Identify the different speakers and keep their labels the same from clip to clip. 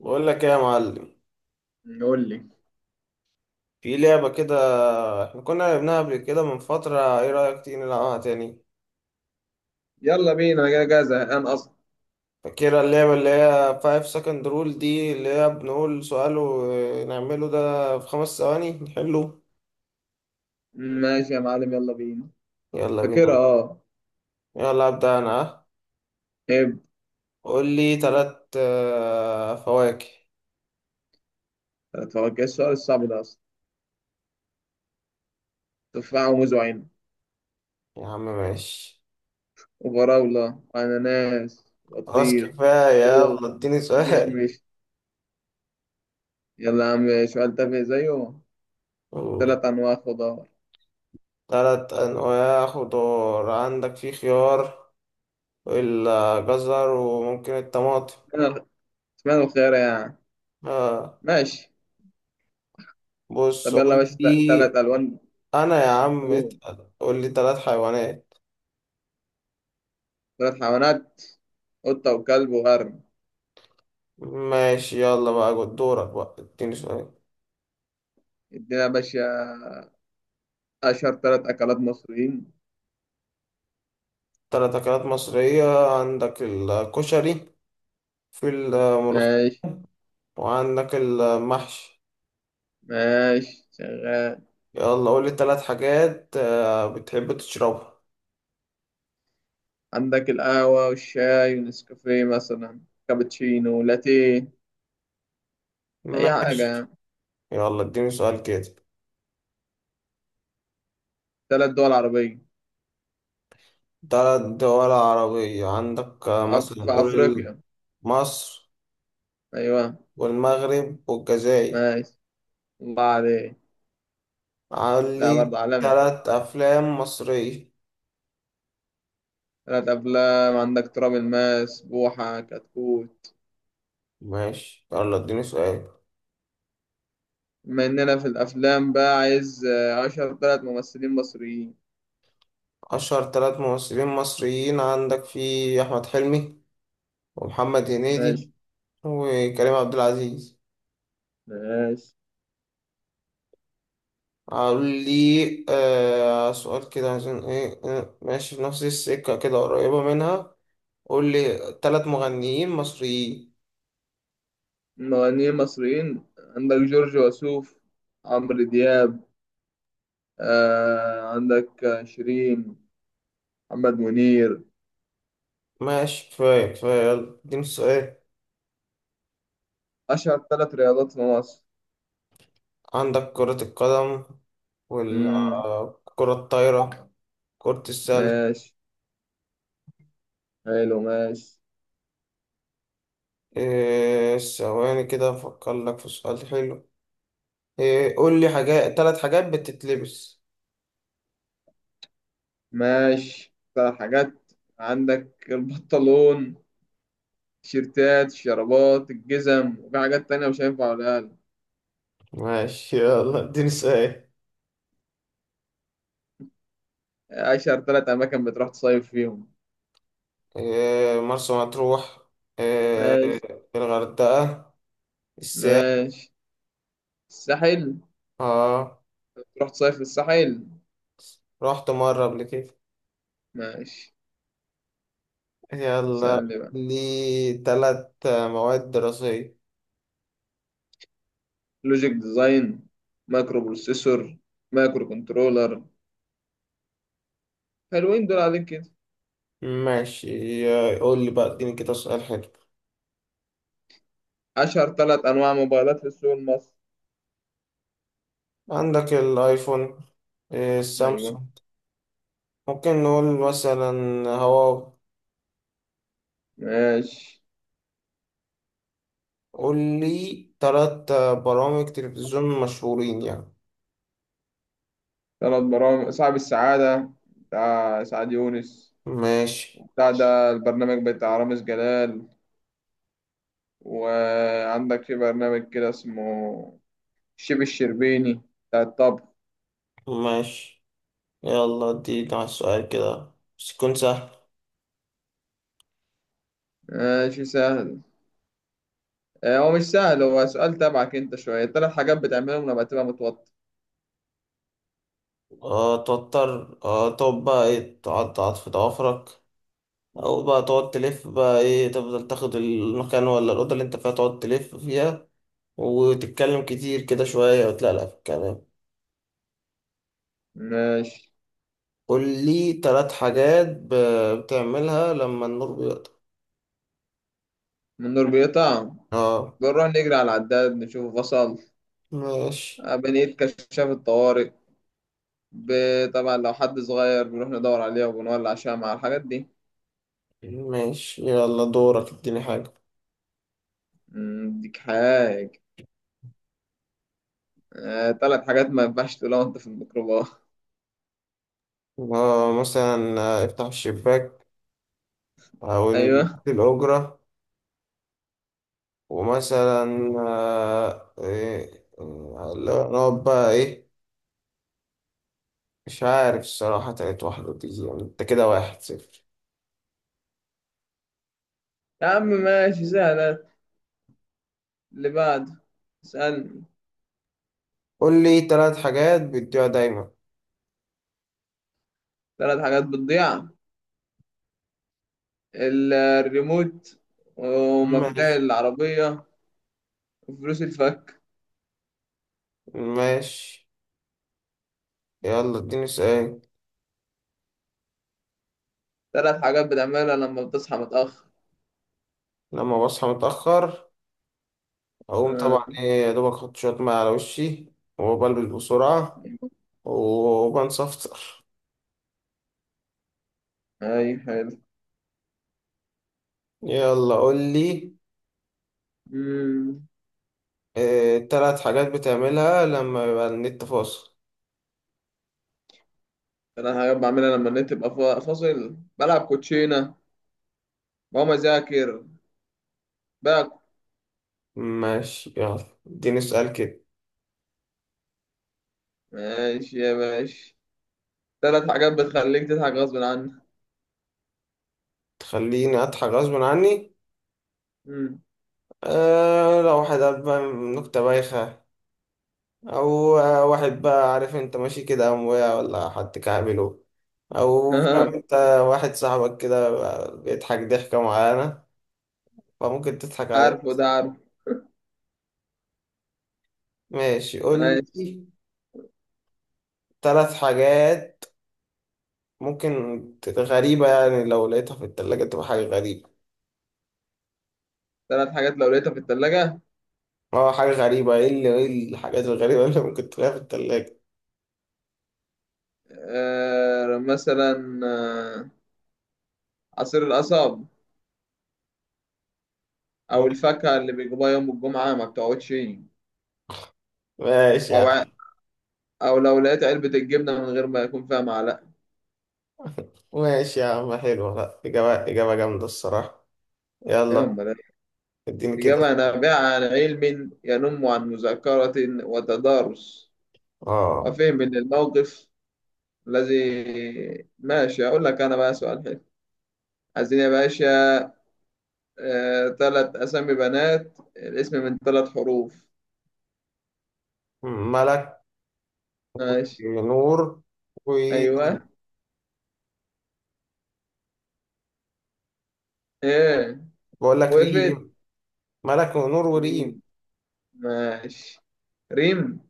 Speaker 1: بقول لك ايه يا معلم؟
Speaker 2: قول لي.
Speaker 1: في لعبة كده، احنا كنا لعبناها قبل كده من فترة. ايه رأيك تيجي نلعبها تاني؟
Speaker 2: يلا بينا، انا جاي زهقان اصلا.
Speaker 1: فاكرة اللعبة اللي هي 5 second rule دي، اللي هي بنقول سؤال ونعمله ده في خمس ثواني نحله.
Speaker 2: ماشي يا معلم، يلا بينا.
Speaker 1: يلا
Speaker 2: فاكرها
Speaker 1: بينا.
Speaker 2: اه.
Speaker 1: يلا أبدأ أنا، ها؟
Speaker 2: ابدا.
Speaker 1: قول لي تلات فواكه.
Speaker 2: تفكر السؤال الصعب ده اصلا. تفاحة وموز وعنب
Speaker 1: يا عم ماشي.
Speaker 2: وفراولة وأناناس
Speaker 1: خلاص
Speaker 2: وبطيخ.
Speaker 1: كفاية،
Speaker 2: خوخ
Speaker 1: يلا اديني سؤال.
Speaker 2: ومشمش. يلا يا عم، سؤال تافه زيه.
Speaker 1: قول.
Speaker 2: تلات أنواع خضار.
Speaker 1: تلات أنواع خضار، عندك في خيار، الجزر، وممكن الطماطم.
Speaker 2: اشمعنى، اشمعنى الخيار يعني؟
Speaker 1: آه.
Speaker 2: ماشي.
Speaker 1: بص
Speaker 2: طب يلا يا
Speaker 1: قول
Speaker 2: باشا، تلات
Speaker 1: لي.
Speaker 2: ألوان.
Speaker 1: انا يا عم
Speaker 2: نجوم.
Speaker 1: اتقل، قول لي ثلاث حيوانات.
Speaker 2: تلات حيوانات: قطة وكلب وغرب.
Speaker 1: ماشي، يلا بقى جود دورك بقى اديني سؤال.
Speaker 2: ادينا يا باشا. أشهر تلات أكلات مصريين.
Speaker 1: ثلاث اكلات مصرية، عندك الكشري، في الملوخية،
Speaker 2: ماشي.
Speaker 1: وعندك المحشي.
Speaker 2: ماشي شغال.
Speaker 1: يلا قول لي ثلاث حاجات بتحب تشربها.
Speaker 2: عندك القهوة والشاي ونسكافيه مثلا، كابتشينو، لاتيه. أي حاجة
Speaker 1: ماشي،
Speaker 2: يعني.
Speaker 1: يلا اديني سؤال كده.
Speaker 2: تلات دول عربية.
Speaker 1: ثلاث دول عربية، عندك مثلا
Speaker 2: في
Speaker 1: قول
Speaker 2: أفريقيا.
Speaker 1: مصر
Speaker 2: أيوة.
Speaker 1: والمغرب والجزائر.
Speaker 2: ماشي. الله عليك. لا،
Speaker 1: علي
Speaker 2: برضه عالمي.
Speaker 1: تلات أفلام مصرية.
Speaker 2: تلات أفلام: عندك تراب الماس، بوحة، كتكوت.
Speaker 1: ماشي، يلا اديني سؤال.
Speaker 2: بما إننا في الأفلام بقى، عايز أشهر تلات ممثلين مصريين.
Speaker 1: أشهر تلات ممثلين مصريين، عندك في أحمد حلمي ومحمد
Speaker 2: ماشي.
Speaker 1: هنيدي وكريم عبد العزيز.
Speaker 2: ماشي.
Speaker 1: أقول لي سؤال كده عشان إيه، ماشي في نفس السكة كده قريبة منها. قول لي تلات مغنيين مصريين.
Speaker 2: مغنيين مصريين: عندك جورج وسوف، عمرو دياب، عندك شيرين، محمد منير.
Speaker 1: ماشي، كفاية كفاية، يلا اديني السؤال.
Speaker 2: أشهر ثلاث رياضات في مصر.
Speaker 1: عندك كرة القدم،
Speaker 2: مم.
Speaker 1: والكرة الطايرة، كرة السلة.
Speaker 2: ماشي. حلو، ماشي.
Speaker 1: إيه، ثواني كده افكر لك في سؤال حلو. إيه قول لي ثلاث حاجات بتتلبس.
Speaker 2: ماشي، ثلاث حاجات: عندك البنطلون، التيشيرتات، الشرابات، الجزم. وفي حاجات تانية مش هينفع أقولها.
Speaker 1: ماشي، يلا اديني سؤال.
Speaker 2: أشهر ثلاث أماكن بتروح تصيف فيهم.
Speaker 1: إيه مرسى مطروح، إيه
Speaker 2: ماشي.
Speaker 1: الغردقة، الساحل.
Speaker 2: ماشي الساحل.
Speaker 1: اه،
Speaker 2: بتروح تصيف في الساحل.
Speaker 1: رحت مرة قبل كده.
Speaker 2: ماشي.
Speaker 1: يلا،
Speaker 2: سألني بقى.
Speaker 1: لي ثلاث مواد دراسية.
Speaker 2: لوجيك ديزاين، مايكرو بروسيسور، مايكرو كنترولر. حلوين دول عليك كده.
Speaker 1: ماشي، قول لي بقى اديني كده سؤال حلو.
Speaker 2: أشهر ثلاث أنواع موبايلات في السوق المصري.
Speaker 1: عندك الايفون، إيه
Speaker 2: أيوه.
Speaker 1: السامسونج، ممكن نقول مثلا هواوي.
Speaker 2: ماشي.
Speaker 1: قول لي تلات برامج تلفزيون مشهورين يعني.
Speaker 2: ثلاث برامج: صاحب السعادة بتاع سعد يونس،
Speaker 1: ماشي.
Speaker 2: بتاع ده البرنامج بتاع رامز جلال، وعندك في برنامج كده اسمه الشيف الشربيني بتاع الطبخ.
Speaker 1: ماشي، يلا ادينا على السؤال كده بس يكون سهل.
Speaker 2: ماشي سهل. هو مش سهل، هو سؤال تبعك أنت شوية. ثلاث حاجات بتعملهم لما تبقى متوتر.
Speaker 1: أه توتر، أه تقعد بقى ايه، تقعد في ضوافرك، أو بقى تقعد تلف بقى ايه، تفضل تاخد المكان ولا الأوضة اللي انت فيها تقعد تلف فيها، وتتكلم كتير كده شوية وتلاقي في الكلام.
Speaker 2: ماشي.
Speaker 1: قول لي تلات حاجات بتعملها لما النور بيقطع.
Speaker 2: من النور بيقطع؟
Speaker 1: اه.
Speaker 2: بنروح نجري على العداد نشوفه فصل.
Speaker 1: ماشي.
Speaker 2: بنقيت كشاف الطوارئ. طبعا لو حد صغير بنروح ندور عليها وبنولع شمعة مع الحاجات دي.
Speaker 1: ماشي، يلا دورك اديني حاجة.
Speaker 2: ديك حاجة. تلات حاجات ما ينفعش تقولها وانت في الميكروباص.
Speaker 1: مثلا افتح الشباك، أو
Speaker 2: ايوه.
Speaker 1: نشوف الأجرة. ومثلا آه، إيه، آه، لا، نقعد بقى إيه، مش عارف الصراحة تالت واحدة دي، يعني أنت كده واحد صفر.
Speaker 2: يا عم ماشي سهلة. اللي بعده. اسألني.
Speaker 1: قول لي تلات حاجات بتبيع دايما.
Speaker 2: تلات حاجات بتضيع: الريموت، ومفاتيح
Speaker 1: ماشي.
Speaker 2: العربية، وفلوس الفك.
Speaker 1: ماشي، يلا اديني سؤال.
Speaker 2: تلات حاجات بتعملها لما بتصحى متأخر.
Speaker 1: لما بصحى متأخر أقوم
Speaker 2: آه.
Speaker 1: طبعا إيه يا دوبك، أحط شوية مية على وشي، وبلبس بسرعة وبنصفر.
Speaker 2: اي حلو.
Speaker 1: يلا قول لي،
Speaker 2: أمم،
Speaker 1: تلات حاجات بتعملها لما يبقى النت فاصل.
Speaker 2: تلات حاجات بعملها لما النت يبقى فاصل: بلعب كوتشينة، بقوم أذاكر بقى.
Speaker 1: ماشي، يلا اديني سؤال كده.
Speaker 2: ماشي يا باشا. ثلاث حاجات بتخليك تضحك غصب عنك.
Speaker 1: تخليني أضحك غصب عني؟
Speaker 2: امم.
Speaker 1: أه، لو واحد قال بقى نكتة بايخة، أو واحد بقى، عارف أنت، ماشي كده قام وقع، ولا حد كعبله، أو فاهم
Speaker 2: آه.
Speaker 1: أنت، واحد صاحبك كده بيضحك ضحكة معينة فممكن تضحك عليه.
Speaker 2: عارفه ده، عارفه.
Speaker 1: ماشي، قول
Speaker 2: ماشي.
Speaker 1: لي تلات حاجات ممكن غريبة، يعني لو لقيتها في التلاجة تبقى حاجة غريبة.
Speaker 2: ثلاث حاجات لو لقيتها في الثلاجة.
Speaker 1: اه، حاجة غريبة. ايه الحاجات الغريبة اللي ممكن تلاقيها في التلاجة.
Speaker 2: مثلا، عصير القصب، أو الفاكهة اللي بيجيبوها يوم الجمعة ما بتقعدش،
Speaker 1: ماشي يا
Speaker 2: أو
Speaker 1: عم.
Speaker 2: أو لو لقيت علبة الجبنة من غير ما يكون فيها معلقة.
Speaker 1: ماشي يا عم، حلوة، لا، إجابة إجابة جامدة الصراحة.
Speaker 2: إيه
Speaker 1: يلا
Speaker 2: أمال إيه؟
Speaker 1: اديني كده.
Speaker 2: إجابة نابعة عن علم، ينم عن مذاكرة وتدارس
Speaker 1: اه،
Speaker 2: وفهم من الموقف الذي. ماشي. أقول لك أنا بقى سؤال حلو؟ عايزين يا باشا. تلات أسامي بنات، الاسم من تلات حروف.
Speaker 1: ملك
Speaker 2: ماشي.
Speaker 1: ونور وريم.
Speaker 2: أيوه. إيه؟
Speaker 1: بقول لك
Speaker 2: وقفت.
Speaker 1: ريم، ملك ونور وريم.
Speaker 2: مين؟ ماشي. ريم.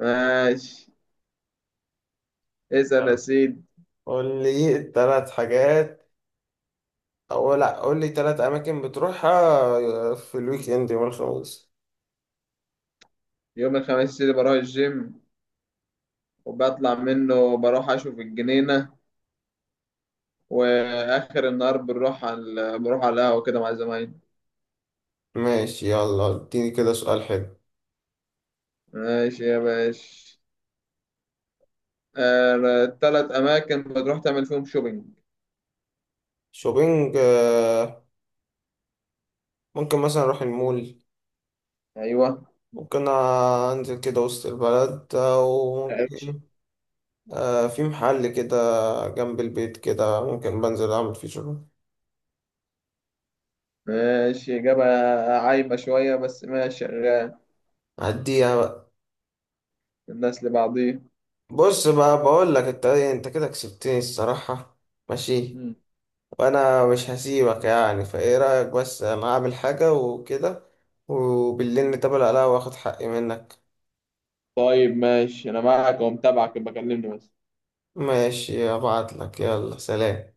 Speaker 2: ماشي. اسأل يا
Speaker 1: يلا.
Speaker 2: سيدي.
Speaker 1: قول لي تلات اماكن بتروحها في الويك اند يوم الخميس.
Speaker 2: يوم الخميس اللي بروح الجيم، وبطلع منه بروح أشوف الجنينة، وآخر النهار بنروح على بروح على القهوة كده مع زمايلي.
Speaker 1: ماشي، يلا اديني كده سؤال حلو.
Speaker 2: ماشي يا باشا. تلات أماكن بتروح تعمل فيهم شوبينج.
Speaker 1: شوبينج، ممكن مثلا اروح المول،
Speaker 2: أيوه.
Speaker 1: ممكن أنزل كده وسط البلد، أو ممكن في محل كده جنب البيت، كده ممكن بنزل أعمل فيه شغل.
Speaker 2: ماشي، إجابة عايمة شوية بس ماشي شغال.
Speaker 1: أعديها بقى.
Speaker 2: الناس لبعضيه.
Speaker 1: بص بقى بقول لك أنت كده كسبتني الصراحة. ماشي.
Speaker 2: مم.
Speaker 1: وأنا مش هسيبك يعني، فإيه رأيك بس أنا أعمل حاجة وكده، وبالليل نتقابل عليها وآخد حقي منك.
Speaker 2: طيب ماشي، أنا معاك ومتابعك، يبقى كلمني بس.
Speaker 1: ماشي، أبعت لك، يلا سلام.